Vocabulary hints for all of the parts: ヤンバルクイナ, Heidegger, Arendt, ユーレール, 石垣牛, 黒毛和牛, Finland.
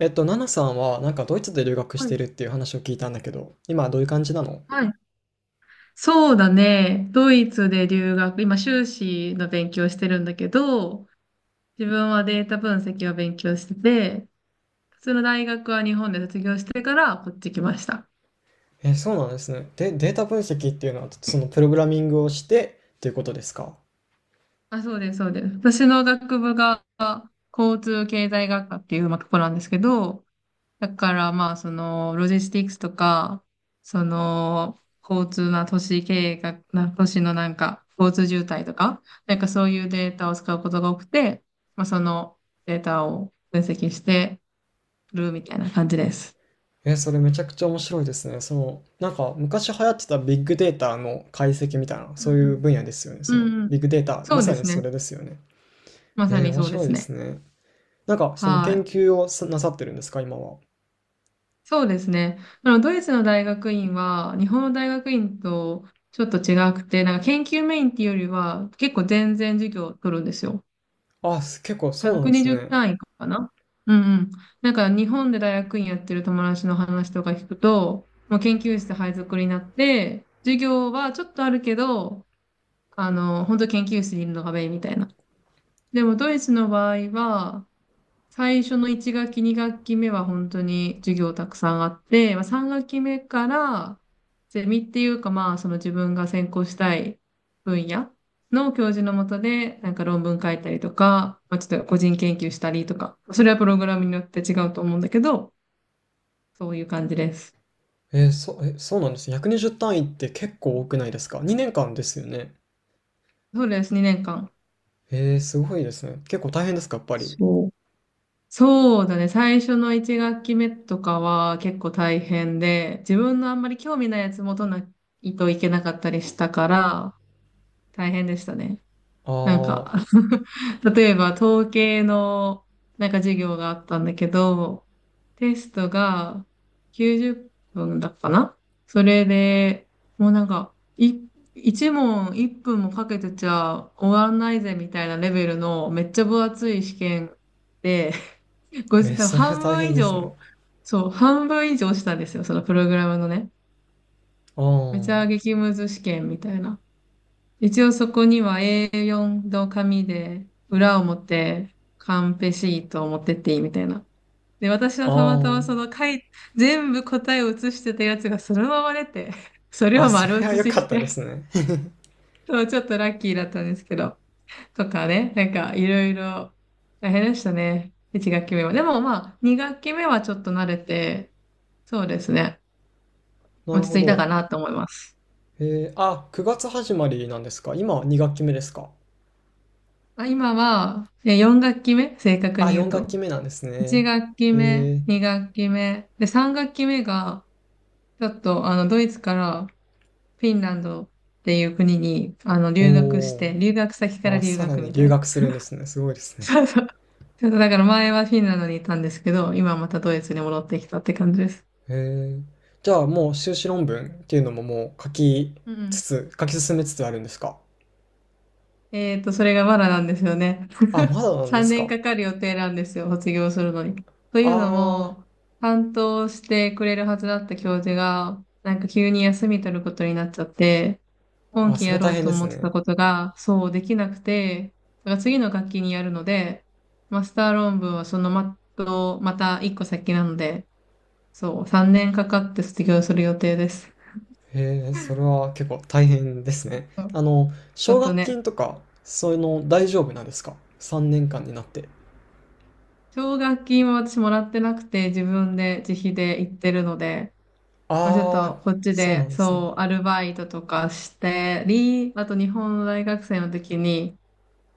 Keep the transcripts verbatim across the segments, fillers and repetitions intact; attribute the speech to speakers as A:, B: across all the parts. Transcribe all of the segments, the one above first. A: えっと、ナナさんはなんかドイツで留学し
B: は
A: て
B: い。
A: るっていう話を聞いたんだけど、今はどういう感じなの？
B: はい、そうだね。ドイツで留学、今修士の勉強してるんだけど、自分はデータ分析を勉強してて、普通の大学は日本で卒業してからこっち来ました。
A: え、そうなんですね。で、データ分析っていうのは、そのプログラミングをしてっていうことですか？
B: あ、そうです、そうです。私の学部が交通経済学科っていうまあとこなんですけど、だからまあ、その、ロジスティックスとか、その、交通な都市経営が、な、都市のなんか、交通渋滞とか、なんかそういうデータを使うことが多くて、まあ、そのデータを分析してるみたいな感じです。
A: え、それめちゃくちゃ面白いですね。その、なんか昔流行ってたビッグデータの解析みたいな、
B: う
A: そ
B: ん
A: う
B: う
A: いう
B: ん。
A: 分野ですよね。その、
B: うんうん。
A: ビッグデータ、
B: そ
A: ま
B: う
A: さ
B: で
A: に
B: す
A: そ
B: ね。
A: れですよね。
B: まさ
A: えー、
B: に
A: 面
B: そうで
A: 白い
B: す
A: です
B: ね。
A: ね。なんか、その
B: は
A: 研
B: い。
A: 究をさなさってるんですか、今は。
B: そうですね。あの、ドイツの大学院は、日本の大学院とちょっと違くて、なんか研究メインっていうよりは、結構全然授業を取るんですよ。
A: あ、す結構そうなんです
B: ひゃくにじゅう
A: ね。
B: 単位かな。うんうん。なんか日本で大学院やってる友達の話とか聞くと、もう研究室配属になって、授業はちょっとあるけど、あの、本当研究室にいるのがメインみたいな。でもドイツの場合は、最初のいち学期、に学期目は本当に授業たくさんあって、まあ、さん学期目からゼミっていうかまあその自分が専攻したい分野の教授のもとでなんか論文書いたりとか、まあ、ちょっと個人研究したりとか、それはプログラムによって違うと思うんだけど、そういう感じです。
A: えー、そ、え、そうなんです。ひゃくにじゅう単位って結構多くないですか？ に 年間ですよね。
B: そうです、にねんかん。
A: ええ、すごいですね。結構大変ですか、やっぱり。
B: そう。そうだね。最初のいち学期目とかは結構大変で、自分のあんまり興味ないやつもとないといけなかったりしたから、大変でしたね。
A: あ
B: なん
A: あ、
B: か、例えば統計のなんか授業があったんだけど、テストがきゅうじゅっぷんだったかな。それで、もうなんか、い、いち問いっぷんもかけてちゃ終わんないぜみたいなレベルのめっちゃ分厚い試験で、ご
A: え
B: じ、
A: ー、
B: 多分
A: それは
B: 半
A: 大
B: 分
A: 変
B: 以
A: ですね。
B: 上、そう、半分以上したんですよ、そのプログラムのね。めち
A: あ
B: ゃ激ムズ試験みたいな。一応そこには エーよん の紙で、裏表、カンペシートを持ってっていいみたいな。で、私
A: あ、
B: はたまた
A: あ
B: まその書い、全部答えを写してたやつがそのまま出て、それ
A: あ、あ、
B: を
A: そ
B: 丸
A: れは
B: 写
A: 良
B: し
A: か
B: し
A: ったで
B: て、
A: すね。
B: そう、ちょっとラッキーだったんですけど、とかね、なんかいろいろ大変でしたね。いち学期目は。でもまあ、に学期目はちょっと慣れて、そうですね、
A: な
B: 落
A: る
B: ち
A: ほ
B: 着いた
A: ど。
B: かなと思います。
A: えーあ、くがつ始まりなんですか。今に学期目ですか。
B: あ、今は、よん学期目、正確
A: あ、
B: に言う
A: よん学期
B: と。
A: 目なんです
B: いち
A: ね。
B: 学期目、
A: え
B: に学期目、で、さん学期目が、ちょっと、あの、ドイツからフィンランドっていう国に、あの、
A: ー
B: 留学し
A: お
B: て、留学先か
A: ー
B: ら
A: あ、
B: 留
A: さら
B: 学
A: に
B: みたい
A: 留
B: な。
A: 学するんですね。すごいですね。
B: そうそう。ちょっとだから前はフィンランドにいたんですけど、今またドイツに戻ってきたって感じです。
A: えー。じゃあもう修士論文っていうのももう書き
B: う
A: つ
B: ん。
A: つ、書き進めつつあるんですか。
B: えっと、それがまだなんですよね。
A: あ、ま だなんで
B: 3
A: す
B: 年
A: か。
B: かかる予定なんですよ、卒業するのに。というの
A: あ
B: も、担当してくれるはずだった教授が、なんか急に休み取ることになっちゃって、
A: あ、
B: 今
A: あ、
B: 期
A: それ
B: やろ
A: 大
B: う
A: 変
B: と
A: です
B: 思ってた
A: ね。
B: ことが、そうできなくて、だから次の学期にやるので、マスター論文はそのまと、また一個先なので、そう、さんねんかかって卒業する予定です。
A: へえ、それは結構大変ですね。
B: そう、
A: あの、
B: ちょ
A: 奨
B: っと
A: 学
B: ね、
A: 金とか、そういうの大丈夫なんですか？ さん 年間になって。
B: 奨学金は私もらってなくて、自分で自費で行ってるので、まあ、ちょっ
A: ああ、
B: とこっち
A: そうな
B: で、
A: んですね。
B: そう、アルバイトとかしてり、あと日本の大学生の時に、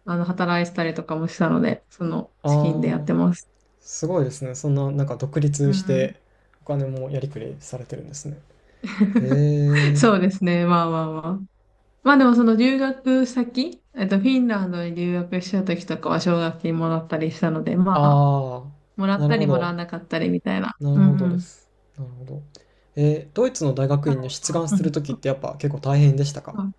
B: あの、働いてたりとかもしたので、その資金でやっ
A: ああ、
B: てます。
A: すごいですね。そんな、なんか独
B: う
A: 立
B: ん
A: し
B: うん。
A: て、お金もやりくりされてるんですね。へ え、
B: そうですね。まあまあまあ。まあでもその留学先、えっと、フィンランドに留学した時とかは奨学金もらったりしたので、まあ、
A: あ
B: もら
A: あ、
B: っ
A: なる
B: た
A: ほ
B: りもら
A: ど。
B: わなかったりみたいな。
A: なる
B: う
A: ほど
B: んう
A: で
B: ん。太
A: す。なるほど。えードイツの大学
B: 郎
A: 院に出
B: さ
A: 願す
B: ん。
A: るときってやっぱ結構大変でしたか？
B: うん、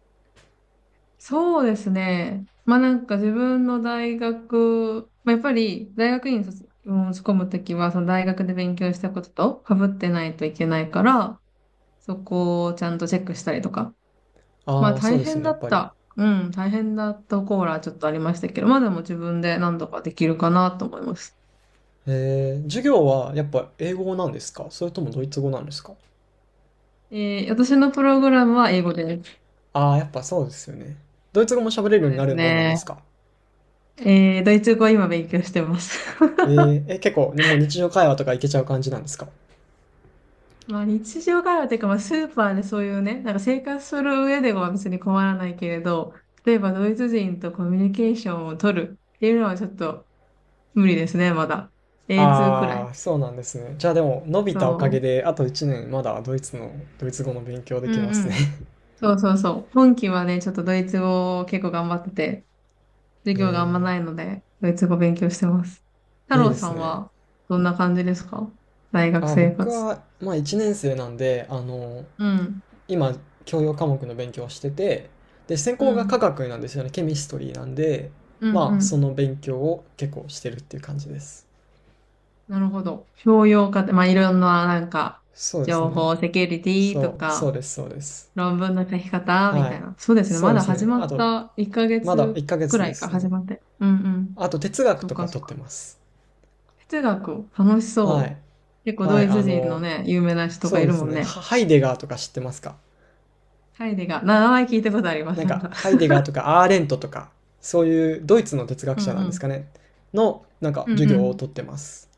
B: そうですね。まあなんか自分の大学、まあ、やっぱり大学院に卒申込むときは、その大学で勉強したことと被ってないといけないから、そこをちゃんとチェックしたりとか。ま
A: あ
B: あ
A: あー、そう
B: 大
A: ですよ
B: 変
A: ね、
B: だ
A: やっ
B: っ
A: ぱり。
B: た。うん、大変だったコーラちょっとありましたけど、まあでも自分で何とかできるかなと思います。
A: えー、授業はやっぱ英語なんですか、それともドイツ語なんですか？
B: えー私のプログラムは英語です。
A: ああー、やっぱそうですよね。ドイツ語も喋れるよう
B: そう
A: に
B: で
A: な
B: す
A: るもんなんで
B: ね。
A: すか？
B: えードイツ語は今勉強してます。
A: えー、え、結構もう日常会話とかいけちゃう感じなんですか？
B: まあ日常会話っていうか、まあスーパーでそういうね、なんか生活する上では別に困らないけれど、例えばドイツ人とコミュニケーションを取るっていうのはちょっと無理ですね、まだ。エーツー くら
A: ああ
B: い。
A: ー、そうなんですね。じゃあでも伸びたおかげ
B: そ
A: であといちねんまだドイツの、ドイツ語の勉強で
B: う。う
A: きま
B: んう
A: すね。
B: ん。そうそうそう。本期はね、ちょっとドイツ語を結構頑張ってて、授業があんま
A: え
B: ないので、ドイツ語勉強してます。太
A: ー、いい
B: 郎
A: で
B: さ
A: す
B: ん
A: ね。
B: はどんな感じですか、大学
A: あ、
B: 生
A: 僕
B: 活。
A: はまあいちねん生なんで、あの、
B: うん。
A: 今教養科目の勉強をしてて、で、専
B: う
A: 攻が化
B: ん。
A: 学なんですよね。ケミストリーなんで、
B: うんう
A: まあそ
B: ん。
A: の勉強を結構してるっていう感じです。
B: なるほど。評量家って、まあ、いろんな、なんか、
A: そうです
B: 情
A: ね。
B: 報、セキュリティと
A: そう、そう
B: か、
A: です、そうです。
B: 論文の書き方み
A: は
B: た
A: い。
B: いな。そうですね。
A: そう
B: ま
A: で
B: だ
A: す
B: 始
A: ね。
B: ま
A: あ
B: っ
A: と、
B: た1ヶ
A: まだ
B: 月
A: 1ヶ
B: く
A: 月
B: ら
A: で
B: いか、
A: すね。
B: 始まって。うんうん。
A: あと哲学
B: そう
A: と
B: か、
A: か
B: そう
A: 取って
B: か。
A: ます。
B: 哲学、楽し
A: は
B: そ
A: い。
B: う。結構
A: は
B: ド
A: い。
B: イ
A: あ
B: ツ人の
A: の
B: ね、有名な人が
A: そう
B: い
A: で
B: るも
A: す
B: ん
A: ね。
B: ね。
A: ハハイデガーとか知ってますか？
B: ハイデガー。な名前聞いたことありま
A: な
B: す、
A: ん
B: なん
A: か
B: か。
A: ハイデ ガーとかアーレントとか、そういうドイツの哲学
B: うん
A: 者なん
B: う
A: です
B: ん。
A: かね、のなんか
B: うん
A: 授業を
B: う
A: 取ってます。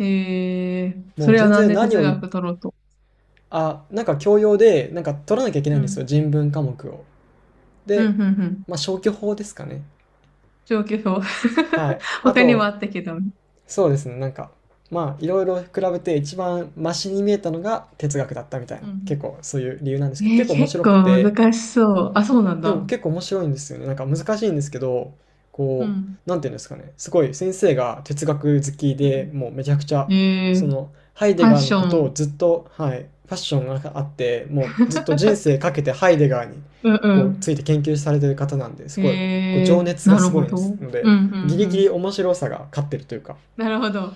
B: ん。へえ、
A: も
B: そ
A: う
B: れは
A: 全
B: なん
A: 然
B: で
A: 何
B: 哲
A: を言っ。
B: 学取ろうと。
A: あ、なんか教養で、なんか取らなきゃいけない
B: う
A: んですよ、
B: ん。
A: 人文科目を。
B: うん
A: で、
B: うんうん。
A: まあ、消去法ですかね。
B: 状況表。
A: はい。あ
B: 他にも
A: と、
B: あったけど。
A: そうですね、なんか、まあ、いろいろ比べて一番マシに見えたのが哲学だったみたい
B: う
A: な、
B: ん。
A: 結構そういう理由なんで
B: え
A: すけど、結
B: ー、
A: 構面
B: 結
A: 白く
B: 構
A: て、
B: 難しそう。あ、そうなん
A: でも
B: だ。
A: 結構面白いんですよね。なんか難しいんですけど、
B: う
A: こ
B: ん。
A: う、なんていうんですかね。すごい先生が哲学好き
B: うん。
A: でもうめちゃくちゃ、
B: え
A: そ
B: ー、
A: の、ハイ
B: フ
A: デ
B: ァッ
A: ガーの
B: ショ
A: ことを
B: ン。
A: ずっと、はい、パッションがあって、もうずっと人生かけてハイデガーに
B: う
A: こう
B: ん
A: ついて研究されてる方なんです
B: うん。
A: ごい、こう
B: え
A: 情
B: ー、
A: 熱が
B: なる
A: すご
B: ほ
A: いで
B: ど。う
A: す
B: ん
A: の
B: う
A: で、
B: ん
A: ギ
B: う
A: リギリ
B: ん。
A: 面白さが勝ってるというか、
B: なるほど。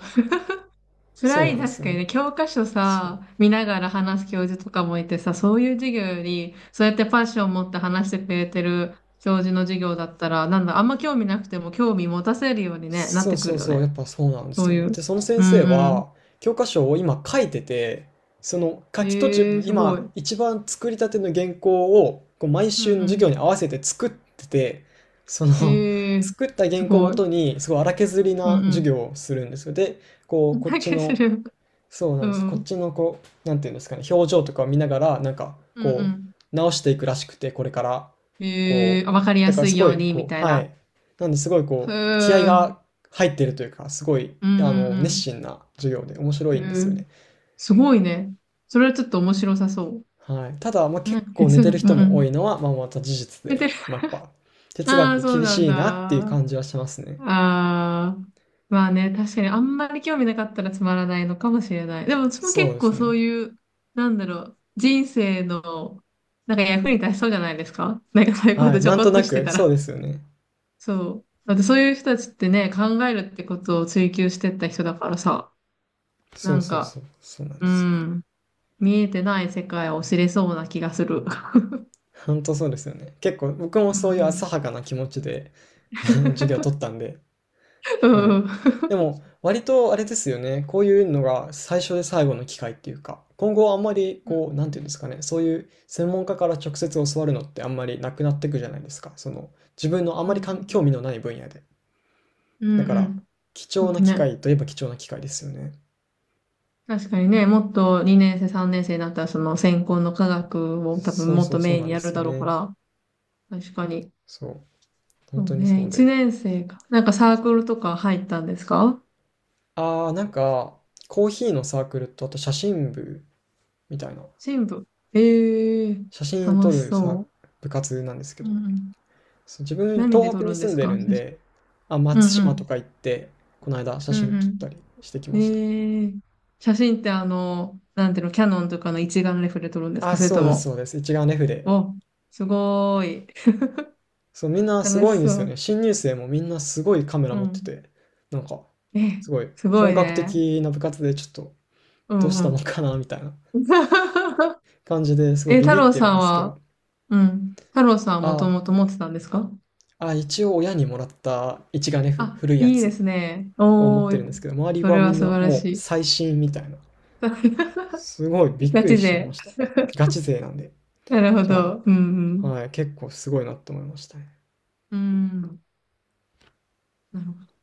A: そう
B: 辛
A: なん
B: い、
A: です
B: 確
A: よ
B: かに
A: ね。
B: ね、教科書
A: そう。
B: さ、見ながら話す教授とかもいてさ、そういう授業より、そうやってパッションを持って話してくれてる教授の授業だったら、なんだ、あんま興味なくても興味持たせるようにね、なっ
A: そう
B: てく
A: そう
B: るよ
A: そう、や
B: ね。
A: っぱそうなんで
B: そ
A: す
B: う
A: よ
B: い
A: ね。
B: う。
A: で、その先
B: うん。
A: 生
B: うん
A: は、教科書を今書いてて、その書
B: うん。
A: き途中
B: え
A: の
B: ー、すごい。
A: 今、
B: うん
A: 一番作りたての原稿を、こう毎週の授
B: う
A: 業に合わせて作ってて、その、
B: ん。えー、
A: 作った
B: す
A: 原稿をも
B: ごい。
A: とに、すごい荒削り
B: う
A: な授
B: ん
A: 業をするんですよ。で、こ
B: う
A: う、
B: ん。
A: こっ
B: だ
A: ち
B: けす
A: の
B: る。
A: そうな
B: う
A: んです。こっ
B: ん。
A: ちのこう、なんていうんですかね、表情とかを見ながら、なんか
B: う
A: こ
B: ん
A: う、直していくらしくて、これから。
B: うん。
A: こ
B: え
A: う、
B: ー、わかり
A: だ
B: や
A: から
B: す
A: す
B: い
A: ご
B: よう
A: い、
B: に、み
A: こう、
B: たい
A: は
B: な。
A: い。なんですごい
B: へえ。
A: こう、気合
B: うん
A: が入ってるというか、すごい、
B: う
A: あの、熱
B: ん
A: 心な授業で面白
B: う
A: いんですよ
B: ん。へえ。
A: ね。
B: すごいね。それはちょっと面白さそ
A: はい。ただ、まあ、
B: う。な
A: 結
B: んか
A: 構寝
B: 哲
A: て
B: 学、
A: る
B: うん
A: 人
B: う
A: も多
B: ん。
A: いのは、まあ、また事実
B: 出て
A: で、
B: る。
A: まあ、やっぱ、哲
B: ああ、
A: 学
B: そう
A: 厳
B: なん
A: しい
B: だ。
A: なっていう
B: あ
A: 感じはしますね。
B: あ。まあね、確かにあんまり興味なかったらつまらないのかもしれない。でも、うちも
A: そう
B: 結
A: です
B: 構そ
A: ね。
B: ういう、なんだろう、人生の、なんか役に立ちそうじゃないですか、なんかそういうこ
A: は
B: と
A: い。
B: ちょ
A: なん
B: こ
A: と
B: っと
A: な
B: して
A: く、
B: たら。
A: そうですよね。
B: そう。だってそういう人たちってね、考えるってことを追求してった人だからさ、な
A: そう
B: ん
A: そう
B: か、
A: そう。そうなん
B: う
A: ですよ。
B: ん、見えてない世界を知れそうな気がする。
A: 本当そうですよね。結構僕も
B: うん
A: そういう
B: う
A: 浅
B: ん。
A: はかな気持ちで 授業を取っ たんで、
B: う
A: は
B: ん
A: い。
B: うん。
A: でも割とあれですよね。こういうのが最初で最後の機会っていうか、今後はあんまりこう、な んていうんですかね、そういう専門家から直接教わるのってあんまりなくなっていくじゃないですか。その自分のあんま
B: う
A: りかん興
B: ん
A: 味のない分野で。
B: うん
A: だ
B: うんうん
A: か
B: うんう
A: ら
B: ん。
A: 貴
B: ちょっ
A: 重な
B: と
A: 機
B: ね、
A: 会といえば貴重な機会ですよね。
B: 確かにね、もっとにねん生、さんねん生になったら、その専攻の科学を多分
A: そう
B: もっ
A: そ
B: と
A: うそう
B: メイン
A: なん
B: に
A: で
B: やる
A: すよ
B: だろうか
A: ね。
B: ら、確かに。
A: そう。
B: そ
A: 本当
B: う
A: に
B: ね、
A: そう
B: 1
A: で。
B: 年生か。なんかサークルとか入ったんですか。
A: あー、なんかコーヒーのサークルとあと写真部みたいな。
B: 新部。ええー、
A: 写真撮
B: 楽し
A: るさ、
B: そ
A: 部活なんですけ
B: う。う
A: ど。
B: んうん。
A: 自分、
B: 何で
A: 東北
B: 撮
A: に
B: るんで
A: 住ん
B: す
A: で
B: か、
A: るん
B: 写真。
A: で、あ、
B: うん
A: 松
B: う
A: 島
B: ん
A: とか行って、この間写
B: う
A: 真撮った
B: ん
A: りしてき
B: うん。
A: ました。
B: えー、写真ってあの、なんていうの、キャノンとかの一眼レフで撮るんですか、
A: あ、
B: それ
A: そ
B: と
A: うです、
B: も、
A: そうです。一眼レフで。
B: お、すごーい。
A: そう、みん なす
B: 楽
A: ごい
B: し
A: んで
B: そ
A: すよね。
B: う。
A: 新入生もみんなすごいカメラ
B: う
A: 持って
B: ん。
A: て、なんか、
B: え、
A: すごい
B: すご
A: 本
B: い
A: 格
B: ね。
A: 的な部活でちょっと、
B: う
A: どう
B: ん
A: した
B: う
A: もん
B: ん。
A: かな、みたいな 感じですごい
B: え、
A: ビ
B: 太
A: ビっ
B: 郎
A: て
B: さ
A: るん
B: ん
A: ですけど。
B: は、うん。太郎さんはもと
A: あ、
B: もと持ってたんですか。
A: あ、一応親にもらった一眼レフ、
B: あ、
A: 古いや
B: いいで
A: つ
B: すね。
A: を持っ
B: お
A: てるんです
B: ー、
A: けど、周り
B: そ
A: は
B: れ
A: み
B: は
A: ん
B: 素
A: な
B: 晴ら
A: も
B: し
A: う
B: い。
A: 最新みたいな。すごいび っ
B: ガ
A: くり
B: チ
A: しちゃいま
B: で。
A: した。ガチ勢なんで。
B: なるほ
A: じゃ
B: ど。う
A: あ、
B: ん
A: はい、結構すごいなと思いましたね。
B: うん。うん。なるほど。